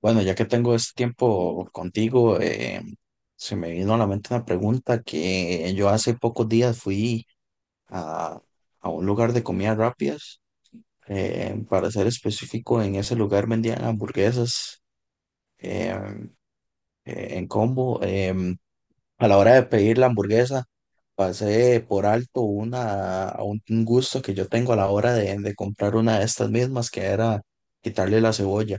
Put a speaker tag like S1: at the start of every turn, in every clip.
S1: Bueno, ya que tengo este tiempo contigo, se me vino a la mente una pregunta que yo hace pocos días fui a, a un lugar de comidas rápidas. Para ser específico, en ese lugar vendían hamburguesas eh, en combo. A la hora de pedir la hamburguesa, pasé por alto un gusto que yo tengo a la hora de comprar una de estas mismas, que era quitarle la cebolla.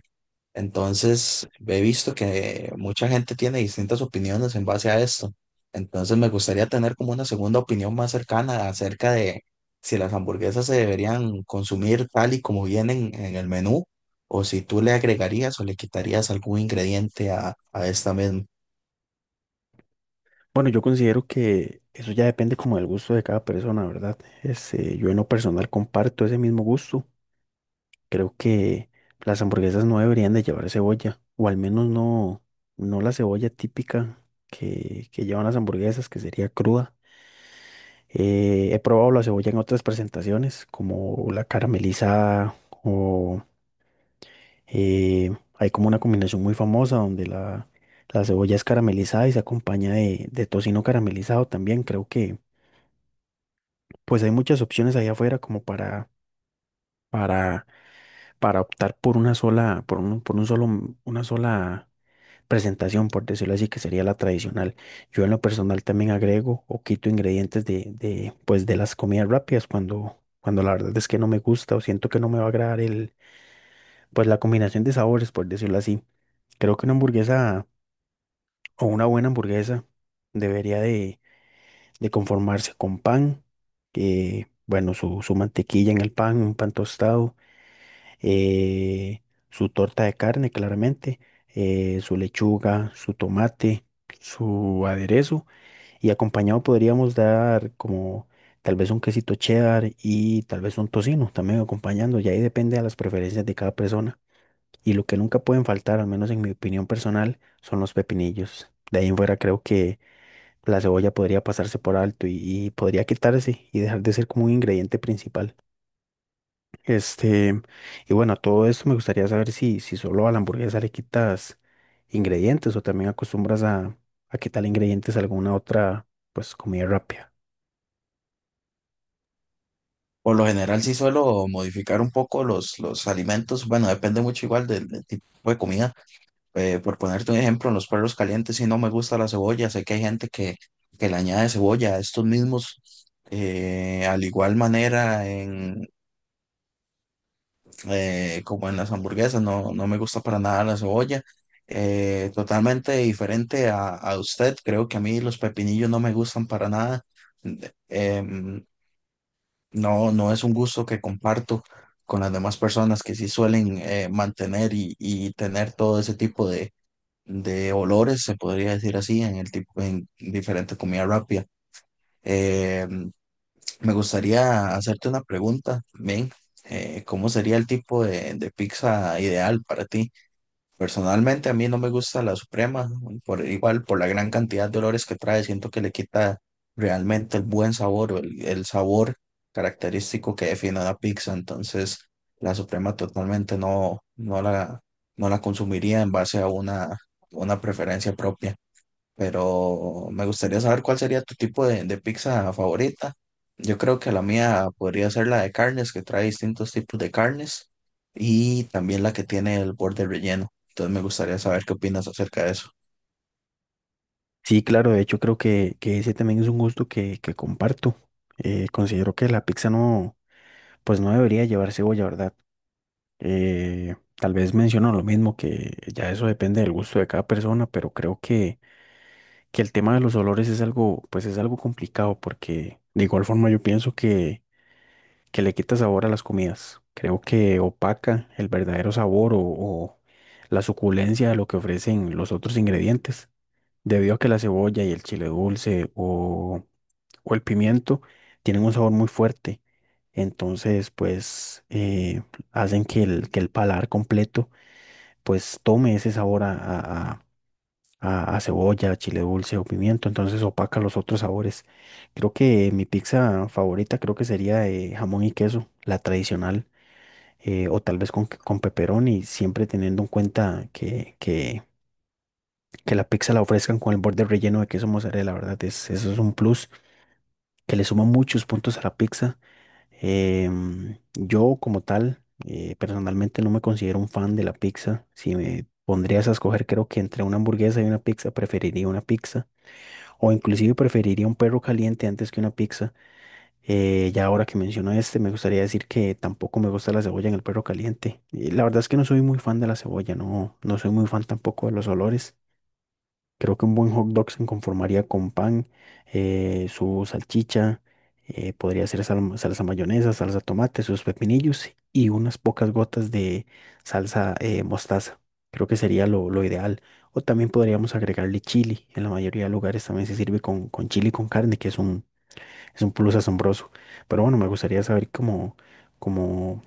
S1: Entonces, he visto que mucha gente tiene distintas opiniones en base a esto. Entonces, me gustaría tener como una segunda opinión más cercana acerca de si las hamburguesas se deberían consumir tal y como vienen en el menú, o si tú le agregarías o le quitarías algún ingrediente a esta misma.
S2: Bueno, yo considero que eso ya depende como del gusto de cada persona, ¿verdad? Este, yo en lo personal comparto ese mismo gusto. Creo que las hamburguesas no deberían de llevar cebolla, o al menos no, no la cebolla típica que llevan las hamburguesas, que sería cruda. He probado la cebolla en otras presentaciones, como la caramelizada, o eh, hay como una combinación muy famosa donde la cebolla es caramelizada y se acompaña de tocino caramelizado también. Creo que pues hay muchas opciones allá afuera como para, para optar por una sola, por por un solo, una sola presentación, por decirlo así, que sería la tradicional. Yo en lo personal también agrego o quito ingredientes pues de las comidas rápidas cuando la verdad es que no me gusta o siento que no me va a agradar el, pues la combinación de sabores, por decirlo así. Creo que una hamburguesa o una buena hamburguesa debería de conformarse con pan, que, bueno, su mantequilla en el pan, un pan tostado eh, su torta de carne, claramente, su lechuga, su tomate, su aderezo y acompañado podríamos dar como tal vez un quesito cheddar y tal vez un tocino también acompañando, y ahí depende de las preferencias de cada persona. Y lo que nunca pueden faltar, al menos en mi opinión personal, son los pepinillos. De ahí en fuera creo que la cebolla podría pasarse por alto y podría quitarse y dejar de ser como un ingrediente principal. Este, y bueno, a todo esto me gustaría saber si solo a la hamburguesa le quitas ingredientes o también acostumbras a quitarle ingredientes a alguna otra, pues, comida rápida.
S1: Por lo general, sí suelo modificar un poco los alimentos. Bueno, depende mucho igual del tipo de comida. Por ponerte un ejemplo, en los perros calientes, si no me gusta la cebolla, sé que hay gente que le añade cebolla a estos mismos, al igual manera en como en las hamburguesas, no, no me gusta para nada la cebolla. Totalmente diferente a usted, creo que a mí los pepinillos no me gustan para nada. De- Em, no, no es un gusto que comparto con las demás personas que sí suelen mantener y tener todo ese tipo de olores, se podría decir así, en el tipo, en diferentes comidas rápidas. Eh, Me gustaría hacerte una pregunta, Ben. ¿Cómo sería el tipo de pizza ideal para ti? Personalmente a mí no me gusta la Suprema, por, igual por la gran cantidad de olores que trae, siento que le quita realmente el buen sabor o el sabor característico que define una pizza, entonces la Suprema totalmente no la consumiría en base a una preferencia propia, pero me gustaría saber cuál sería tu tipo de pizza favorita. Yo creo que la mía podría ser la de carnes, que trae distintos tipos de carnes, y también la que tiene el borde relleno. Entonces me gustaría saber qué opinas acerca de eso.
S2: Sí, claro, de hecho creo que ese también es un gusto que comparto. Considero que la pizza no, pues no debería llevar cebolla, ¿verdad? Tal vez menciono lo mismo, que ya eso depende del gusto de cada persona, pero creo que el tema de los olores es algo, pues es algo complicado porque de igual forma yo pienso que le quita sabor a las comidas. Creo que opaca el verdadero sabor o la suculencia de lo que ofrecen los otros ingredientes, debido a que la cebolla y el chile dulce o el pimiento tienen un sabor muy fuerte. Entonces, pues, hacen que que el paladar completo, pues, tome ese sabor a cebolla, chile dulce o pimiento. Entonces, opaca los otros sabores. Creo que mi pizza favorita creo que sería de jamón y queso, la tradicional o tal vez con pepperoni, siempre teniendo en cuenta que la pizza la ofrezcan con el borde relleno de queso mozzarella, la verdad, es, eso es un plus que le suma muchos puntos a la pizza. Em, yo como tal, personalmente no me considero un fan de la pizza. Si me pondrías a escoger, creo que entre una hamburguesa y una pizza preferiría una pizza. O inclusive preferiría un perro caliente antes que una pizza. Ya ahora que menciono este, me gustaría decir que tampoco me gusta la cebolla en el perro caliente. Y la verdad es que no soy muy fan de la cebolla, no, no soy muy fan tampoco de los olores. Creo que un buen hot dog se conformaría con pan, su salchicha, podría ser sal- salsa mayonesa, salsa tomate, sus pepinillos y unas pocas gotas de salsa mostaza. Creo que sería lo ideal. O también podríamos agregarle chili. En la mayoría de lugares también se sirve con chili con carne, que es un plus asombroso. Pero bueno, me gustaría saber cómo, cómo,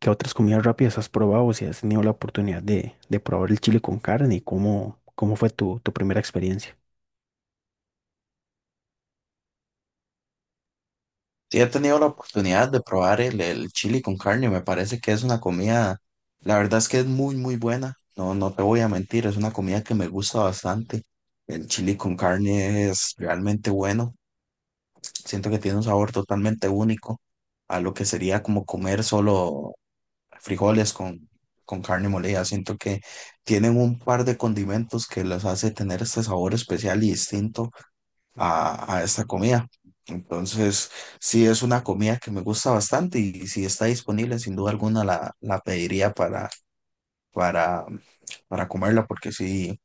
S2: qué otras comidas rápidas has probado, si has tenido la oportunidad de probar el chile con carne y cómo, cómo fue tu, tu primera experiencia.
S1: Sí, he tenido la oportunidad de probar el chili con carne, me parece que es una comida, la verdad es que es muy, muy buena. No, no te voy a mentir, es una comida que me gusta bastante. El chili con carne es realmente bueno. Siento que tiene un sabor totalmente único a lo que sería como comer solo frijoles con carne molida. Siento que tienen un par de condimentos que les hace tener este sabor especial y distinto a esta comida. Entonces, sí es una comida que me gusta bastante y si está disponible, sin duda alguna la pediría para, para comerla porque sí,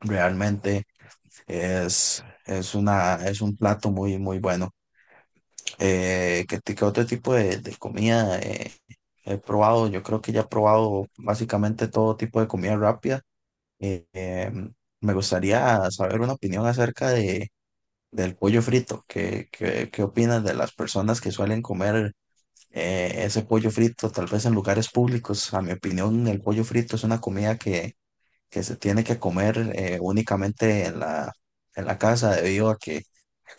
S1: realmente es una, es un plato muy, muy bueno. ¿ Qué otro tipo de comida he probado? Yo creo que ya he probado básicamente todo tipo de comida rápida. Eh, em, Me gustaría saber una opinión acerca de, del pollo frito. ¿ qué opinas de las personas que suelen comer ese pollo frito, tal vez en lugares públicos? A mi opinión, el pollo frito es una comida que se tiene que comer únicamente en en la casa, debido a que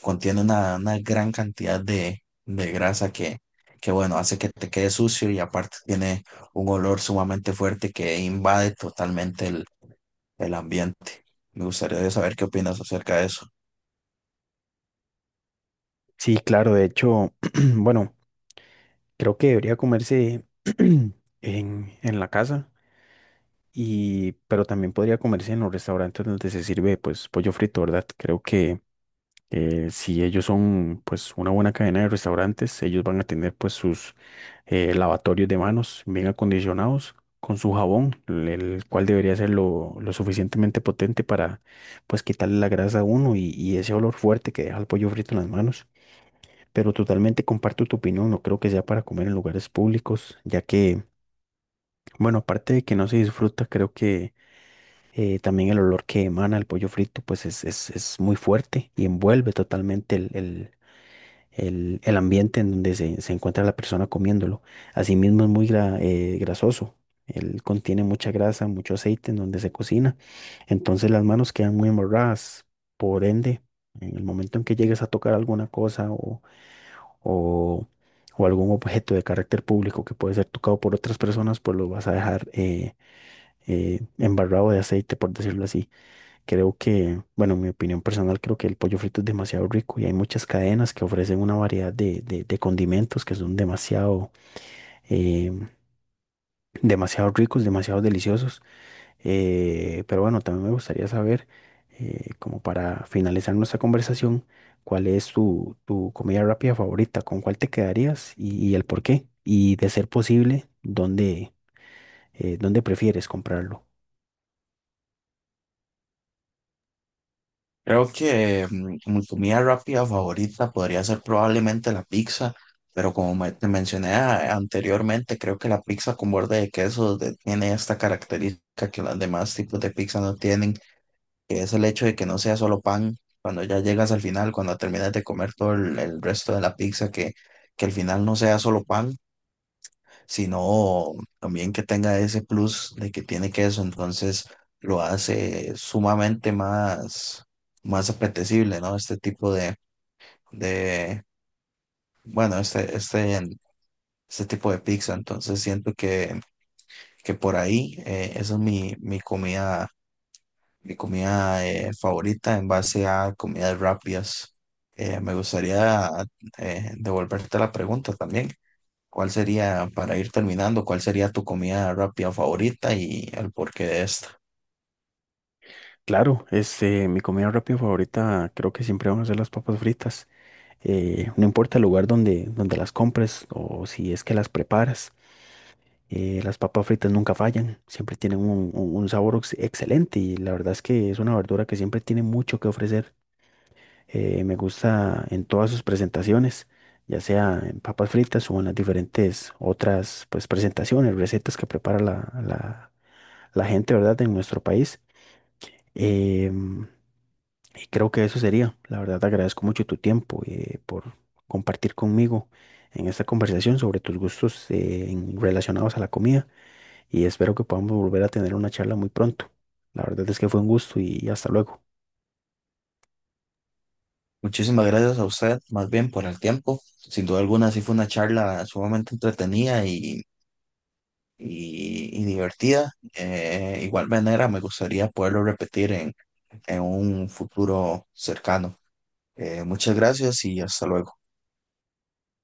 S1: contiene una gran cantidad de grasa que, bueno, hace que te quede sucio y aparte tiene un olor sumamente fuerte que invade totalmente el ambiente. Me gustaría saber qué opinas acerca de eso.
S2: Sí, claro, de hecho, bueno, creo que debería comerse en la casa, y, pero también podría comerse en los restaurantes donde se sirve pues pollo frito, ¿verdad? Creo que si ellos son pues una buena cadena de restaurantes, ellos van a tener pues sus lavatorios de manos bien acondicionados con su jabón, el cual debería ser lo suficientemente potente para pues quitarle la grasa a uno y ese olor fuerte que deja el pollo frito en las manos. Pero totalmente comparto tu opinión, no creo que sea para comer en lugares públicos, ya que, bueno, aparte de que no se disfruta, creo que también el olor que emana el pollo frito pues es muy fuerte y envuelve totalmente el ambiente en donde se encuentra la persona comiéndolo. Asimismo es muy grasoso. Él contiene mucha grasa, mucho aceite en donde se cocina. Entonces las manos quedan muy embarradas. Por ende, en el momento en que llegues a tocar alguna cosa o, o algún objeto de carácter público que puede ser tocado por otras personas, pues lo vas a dejar embarrado de aceite, por decirlo así. Creo que, bueno, mi opinión personal, creo que el pollo frito es demasiado rico y hay muchas cadenas que ofrecen una variedad de condimentos que son demasiado, eh, demasiado ricos, demasiado deliciosos. Pero bueno, también me gustaría saber, como para finalizar nuestra conversación, cuál es tu, tu comida rápida favorita, con cuál te quedarías y el por qué. Y de ser posible, dónde, dónde prefieres comprarlo.
S1: Creo que mi comida rápida favorita podría ser probablemente la pizza, pero como te mencioné anteriormente, creo que la pizza con borde de queso tiene esta característica que los demás tipos de pizza no tienen, que es el hecho de que no sea solo pan cuando ya llegas al final, cuando terminas de comer todo el resto de la pizza, que al final no sea solo pan, sino también que tenga ese plus de que tiene queso, entonces lo hace sumamente más, más apetecible, ¿no? Este tipo de bueno, este tipo de pizza, entonces siento que por ahí esa es mi, mi comida favorita en base a comidas rápidas. Me gustaría devolverte la pregunta también. ¿Cuál sería, para ir terminando, cuál sería tu comida rápida favorita y el porqué de esta?
S2: Claro, este, mi comida rápida favorita creo que siempre van a ser las papas fritas. No importa el lugar donde las compres o si es que las preparas, las papas fritas nunca fallan, siempre tienen un, un sabor excelente y la verdad es que es una verdura que siempre tiene mucho que ofrecer. Me gusta en todas sus presentaciones, ya sea en papas fritas o en las diferentes otras pues, presentaciones, recetas que prepara la, la gente, ¿verdad?, en nuestro país. Em, y creo que eso sería. La verdad, te agradezco mucho tu tiempo por compartir conmigo en esta conversación sobre tus gustos en- relacionados a la comida y espero que podamos volver a tener una charla muy pronto. La verdad es que fue un gusto y hasta luego.
S1: Muchísimas gracias a usted, más bien por el tiempo. Sin duda alguna, sí fue una charla sumamente entretenida y, y divertida. Igual manera, me gustaría poderlo repetir en un futuro cercano. Muchas gracias y hasta luego.